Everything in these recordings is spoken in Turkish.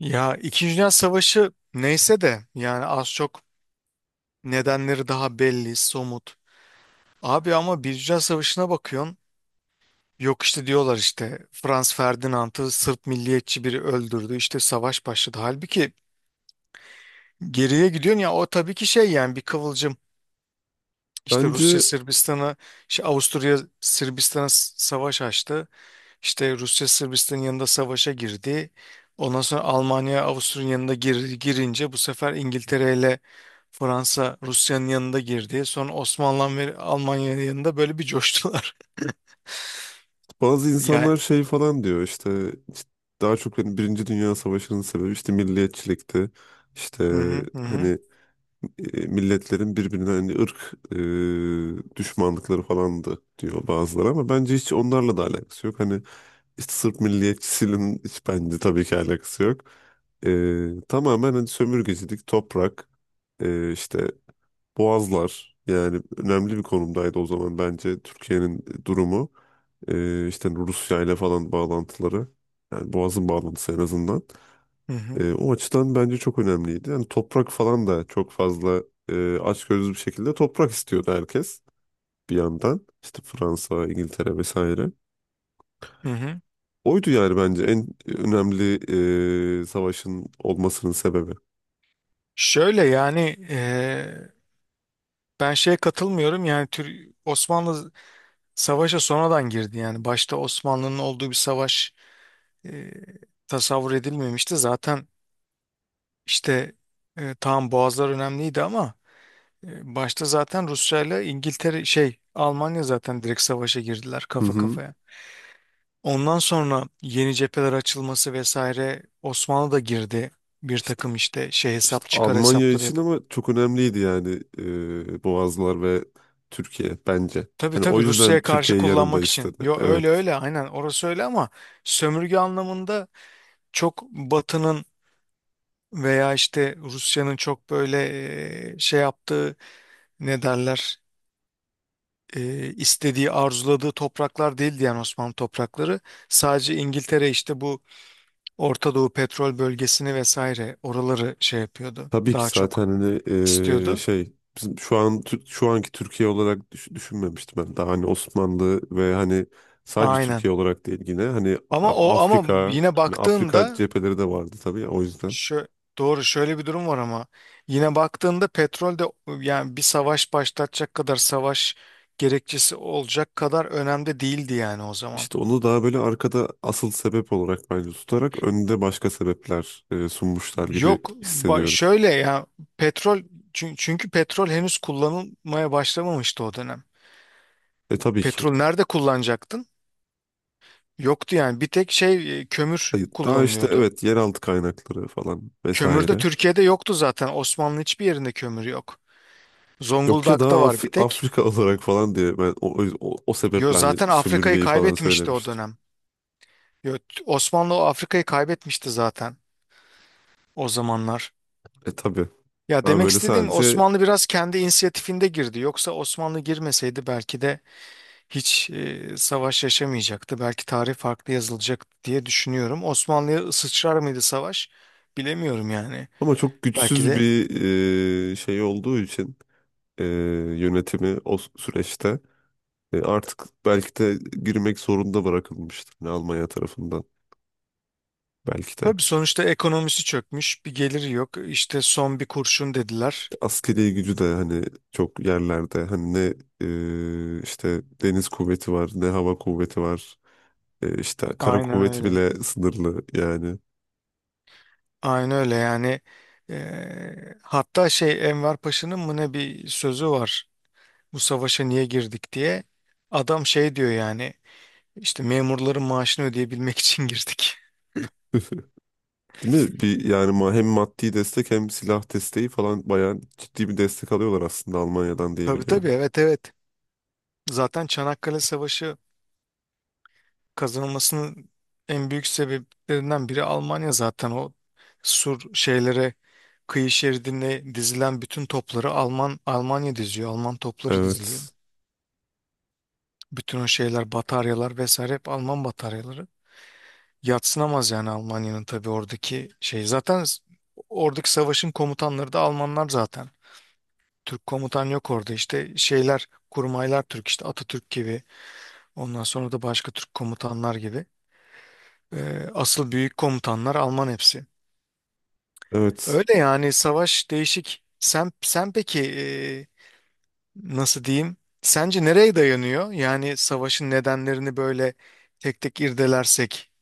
Ya İkinci Dünya Savaşı neyse de yani az çok nedenleri daha belli, somut. Abi ama Birinci Dünya Savaşı'na bakıyorsun. Yok işte diyorlar işte Franz Ferdinand'ı Sırp milliyetçi biri öldürdü işte savaş başladı. Halbuki geriye gidiyorsun ya o tabii ki şey yani bir kıvılcım işte Rusya Bence Sırbistan'a işte Avusturya Sırbistan'a savaş açtı. İşte Rusya Sırbistan'ın yanında savaşa girdi. Ondan sonra Almanya Avusturya'nın yanında girince bu sefer İngiltere ile Fransa Rusya'nın yanında girdi. Sonra Osmanlı ve Almanya'nın yanında böyle bir coştular. bazı insanlar Yani. şey falan diyor işte daha çok hani Birinci Dünya Savaşı'nın sebebi işte milliyetçilikti. İşte Hı hı hı hı hani milletlerin birbirine hani ırk düşmanlıkları falandı diyor bazıları ama bence hiç onlarla da alakası yok. Hani işte Sırp milliyetçisinin hiç bence tabii ki alakası yok. Tamamen hani sömürgecilik, toprak, e, işte Boğazlar yani önemli bir konumdaydı o zaman bence Türkiye'nin durumu. İşte Rusya ile falan bağlantıları. Yani Boğaz'ın bağlantısı en azından. hı hı. O açıdan bence çok önemliydi. Yani toprak falan da çok fazla açgözlü bir şekilde toprak istiyordu herkes bir yandan. İşte Fransa, İngiltere vesaire. Hı hı. Oydu yani bence en önemli savaşın olmasının sebebi. Şöyle yani eee, ben şeye katılmıyorum yani Osmanlı savaşa sonradan girdi yani başta Osmanlı'nın olduğu bir savaş eee, tasavvur edilmemişti zaten işte tamam boğazlar önemliydi ama, başta zaten Rusya ile İngiltere şey Almanya zaten direkt savaşa girdiler Hı kafa hı. kafaya. Ondan sonra yeni cepheler açılması vesaire Osmanlı da girdi. Bir takım işte şey İşte hesap çıkar Almanya hesapları için yapıp. ama çok önemliydi yani Boğazlar ve Türkiye bence. Tabii Hani o tabii yüzden Rusya'ya karşı Türkiye yanında kullanmak için. istedi. Yo öyle Evet. öyle aynen orası öyle ama sömürge anlamında çok Batı'nın veya işte Rusya'nın çok böyle şey yaptığı ne derler istediği, arzuladığı topraklar değildi yani Osmanlı toprakları. Sadece İngiltere işte bu Orta Doğu petrol bölgesini vesaire oraları şey yapıyordu. Tabii ki Daha çok zaten hani istiyordu. şey bizim şu an şu anki Türkiye olarak düşünmemiştim ben. Daha hani Osmanlı ve hani sadece Aynen. Türkiye olarak değil yine hani Ama o ama Afrika yine hani Afrika baktığında cepheleri de vardı tabii o yüzden. şu doğru şöyle bir durum var ama yine baktığında petrol de yani bir savaş başlatacak kadar savaş gerekçesi olacak kadar önemli değildi yani o zaman. İşte onu daha böyle arkada asıl sebep olarak bence tutarak önde başka sebepler sunmuşlar gibi Yok hissediyorum. şöyle ya petrol çünkü petrol henüz kullanılmaya başlamamıştı o dönem. E tabii ki. Petrol nerede kullanacaktın? Yoktu yani bir tek şey kömür Hayır, daha işte kullanılıyordu. evet yeraltı kaynakları falan Kömür de vesaire. Türkiye'de yoktu zaten. Osmanlı hiçbir yerinde kömür yok. Yok ya Zonguldak'ta daha var bir tek. Afrika olarak falan diye ben o Yo sebeple hani zaten Afrika'yı sömürgeyi falan kaybetmişti o söylemiştim. dönem. Yo, Osmanlı o Afrika'yı kaybetmişti zaten o zamanlar. E tabii. Ya Daha demek böyle istediğim sadece Osmanlı biraz kendi inisiyatifinde girdi. Yoksa Osmanlı girmeseydi belki de hiç savaş yaşamayacaktı. Belki tarih farklı yazılacak diye düşünüyorum. Osmanlı'ya sıçrar mıydı savaş? Bilemiyorum yani. ama çok Belki güçsüz de. bir şey olduğu için e, yönetimi o süreçte artık belki de girmek zorunda bırakılmıştır hani Almanya tarafından belki de. Tabii sonuçta ekonomisi çökmüş, bir geliri yok. İşte son bir kurşun dediler. İşte askeri gücü de hani çok yerlerde hani ne işte deniz kuvveti var ne hava kuvveti var. İşte kara Aynen kuvveti öyle. bile sınırlı yani. Aynen öyle yani. Hatta şey Enver Paşa'nın mı ne bir sözü var. Bu savaşa niye girdik diye. Adam şey diyor yani. İşte memurların maaşını ödeyebilmek için girdik. Değil mi? Yani hem maddi destek hem silah desteği falan bayağı ciddi bir destek alıyorlar aslında Almanya'dan diye Tabii tabii biliyorum. evet evet. Zaten Çanakkale Savaşı kazanılmasının en büyük sebeplerinden biri Almanya zaten o sur şeylere kıyı şeridine dizilen bütün topları Almanya diziyor. Alman topları diziliyor. Evet. Bütün o şeyler bataryalar vesaire hep Alman bataryaları. Yadsınamaz yani Almanya'nın tabii oradaki şey. Zaten oradaki savaşın komutanları da Almanlar zaten. Türk komutan yok orada işte şeyler kurmaylar Türk işte Atatürk gibi ondan sonra da başka Türk komutanlar gibi. Asıl büyük komutanlar Alman hepsi. Evet. Öyle yani savaş değişik. Sen peki nasıl diyeyim? Sence nereye dayanıyor? Yani savaşın nedenlerini böyle tek tek irdelersek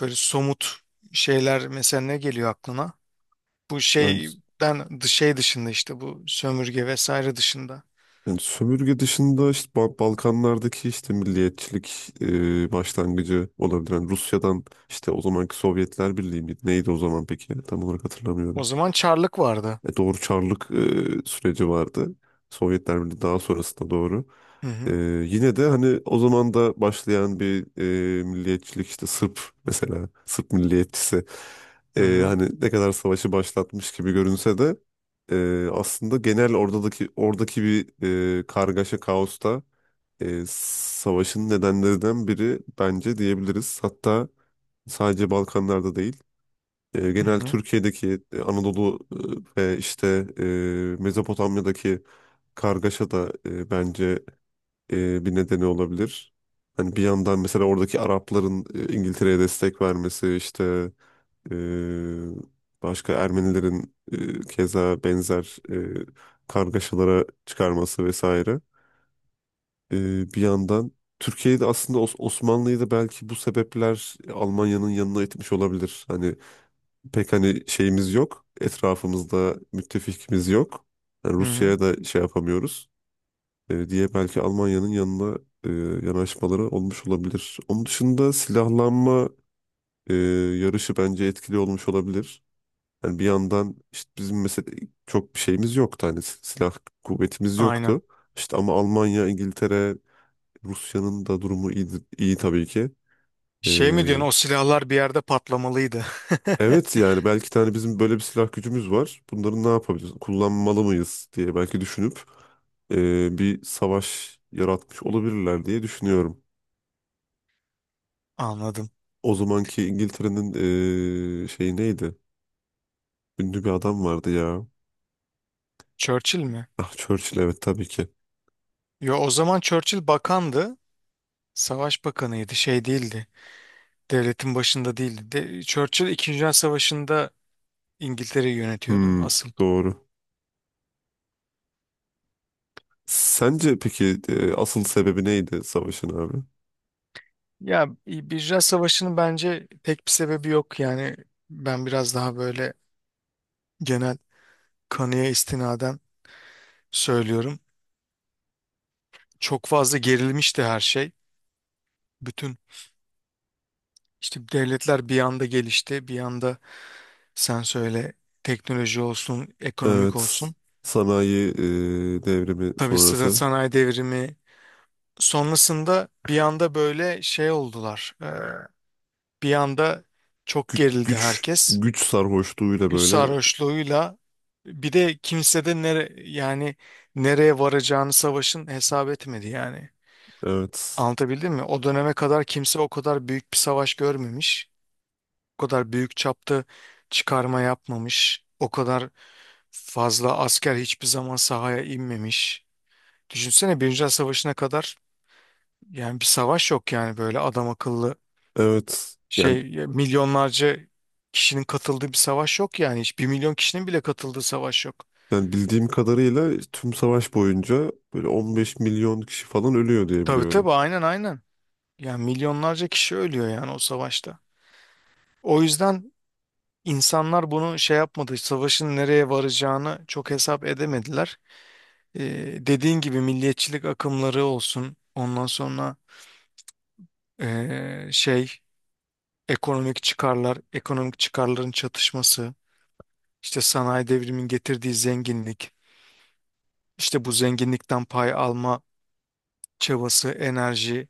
böyle somut şeyler mesela ne geliyor aklına? Bu Yani, şeyden şey dışında işte bu sömürge vesaire dışında. yani sömürge dışında işte Balkanlardaki işte milliyetçilik başlangıcı olabilir. Yani Rusya'dan işte o zamanki Sovyetler Birliği miydi? Neydi o zaman peki? Tam olarak hatırlamıyorum. O zaman çarlık vardı. E, doğru Çarlık süreci vardı. Sovyetler Birliği daha sonrasında doğru. Hı E, hı. Yine de hani o zaman da başlayan bir milliyetçilik işte Sırp, mesela Sırp milliyetçisi Hı hı. hani ne kadar savaşı başlatmış gibi görünse de aslında genel oradaki bir kargaşa kaosta savaşın nedenlerinden biri bence diyebiliriz. Hatta sadece Balkanlarda değil Hı genel hı. Türkiye'deki Anadolu ve işte Mezopotamya'daki kargaşa da bence bir nedeni olabilir. Hani bir yandan mesela oradaki Arapların İngiltere'ye destek vermesi işte e, başka Ermenilerin keza benzer e, kargaşalara çıkarması vesaire. E, Bir yandan Türkiye'de aslında Osmanlı'yı da belki bu sebepler Almanya'nın yanına itmiş olabilir. Hani pek hani şeyimiz yok. Etrafımızda müttefikimiz yok. Yani Hı hı. Rusya'ya da şey yapamıyoruz diye belki Almanya'nın yanına e, yanaşmaları olmuş olabilir. Onun dışında silahlanma e, yarışı bence etkili olmuş olabilir. Yani bir yandan işte bizim mesela çok bir şeyimiz yoktu hani silah kuvvetimiz Aynen. yoktu. İşte ama Almanya, İngiltere, Rusya'nın da durumu iyi tabii ki. E, Şey mi diyorsun o silahlar bir yerde patlamalıydı. Evet yani belki tane bizim böyle bir silah gücümüz var. Bunları ne yapabiliriz? Kullanmalı mıyız diye belki düşünüp bir savaş yaratmış olabilirler diye düşünüyorum. Anladım. O zamanki İngiltere'nin şeyi neydi? Ünlü bir adam vardı ya. Churchill mi? Ah Churchill, evet tabii ki. Yo o zaman Churchill bakandı. Savaş bakanıydı. Şey değildi. Devletin başında değildi. Churchill İkinci Dünya Savaşı'nda İngiltere'yi yönetiyordu Hmm, asıl. doğru. Sence peki asıl sebebi neydi savaşın abi? Ya Birinci Dünya Savaşı'nın bence pek bir sebebi yok. Yani ben biraz daha böyle genel kanıya istinaden söylüyorum. Çok fazla gerilmişti her şey. Bütün işte devletler bir anda gelişti. Bir anda sen söyle teknoloji olsun, ekonomik Evet. olsun. Sanayi devrimi Tabii sonrası sanayi devrimi sonrasında bir anda böyle şey oldular. Bir anda çok gerildi herkes. güç sarhoşluğuyla Güç böyle sarhoşluğuyla bir de kimse de yani nereye varacağını savaşın hesap etmedi yani. evet. Anlatabildim mi? O döneme kadar kimse o kadar büyük bir savaş görmemiş. O kadar büyük çapta çıkarma yapmamış. O kadar fazla asker hiçbir zaman sahaya inmemiş. Düşünsene Birinci Dünya Savaşı'na kadar yani bir savaş yok yani böyle adam akıllı Evet. Şey milyonlarca kişinin katıldığı bir savaş yok yani hiç bir milyon kişinin bile katıldığı savaş yok. Yani bildiğim kadarıyla tüm savaş boyunca böyle 15 milyon kişi falan ölüyor diye Tabii biliyorum. tabii aynen aynen. Yani milyonlarca kişi ölüyor yani o savaşta. O yüzden insanlar bunu şey yapmadı, savaşın nereye varacağını çok hesap edemediler. Dediğin gibi milliyetçilik akımları olsun, ondan sonra şey ekonomik çıkarlar, ekonomik çıkarların çatışması, işte sanayi devriminin getirdiği zenginlik, işte bu zenginlikten pay alma çabası, enerji,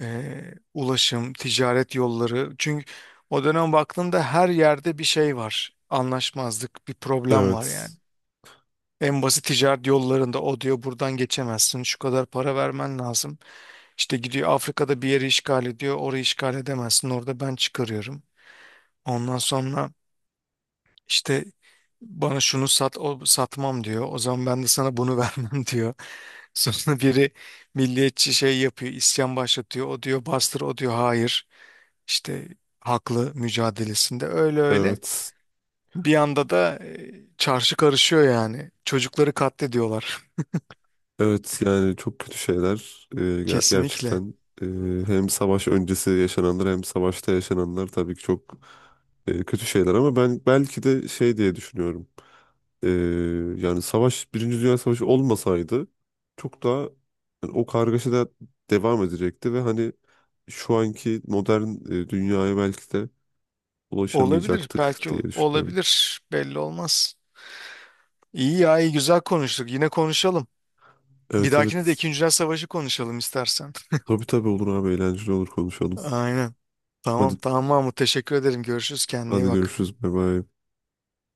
e, ulaşım, ticaret yolları. Çünkü o dönem baktığında her yerde bir şey var. Anlaşmazlık, bir problem var yani. Evet. En basit ticaret yollarında o diyor buradan geçemezsin, şu kadar para vermen lazım. İşte gidiyor Afrika'da bir yeri işgal ediyor, orayı işgal edemezsin, orada ben çıkarıyorum. Ondan sonra işte bana şunu sat, o satmam diyor. O zaman ben de sana bunu vermem diyor. Sonra biri milliyetçi şey yapıyor, isyan başlatıyor. O diyor bastır, o diyor hayır. İşte haklı mücadelesinde öyle öyle. Evet. Bir anda da çarşı karışıyor yani. Çocukları katlediyorlar. Evet yani çok kötü şeyler. Kesinlikle. Gerçekten e, hem savaş öncesi yaşananlar hem savaşta yaşananlar tabii ki çok kötü şeyler ama ben belki de şey diye düşünüyorum. Ee, Yani savaş, Birinci Dünya Savaşı olmasaydı çok daha yani o kargaşa da devam edecekti ve hani şu anki modern dünyaya belki de Olabilir. ulaşamayacaktık Belki diye düşünüyorum. olabilir. Belli olmaz. İyi ya, iyi güzel konuştuk. Yine konuşalım. Bir Evet dahakine de evet. İkinci Dünya Savaşı konuşalım istersen. Tabii tabii olur abi, eğlenceli olur konuşalım. Aynen. Tamam, Hadi tamam Mahmut. Teşekkür ederim. Görüşürüz. Kendine iyi hadi bak. görüşürüz. Bay bay.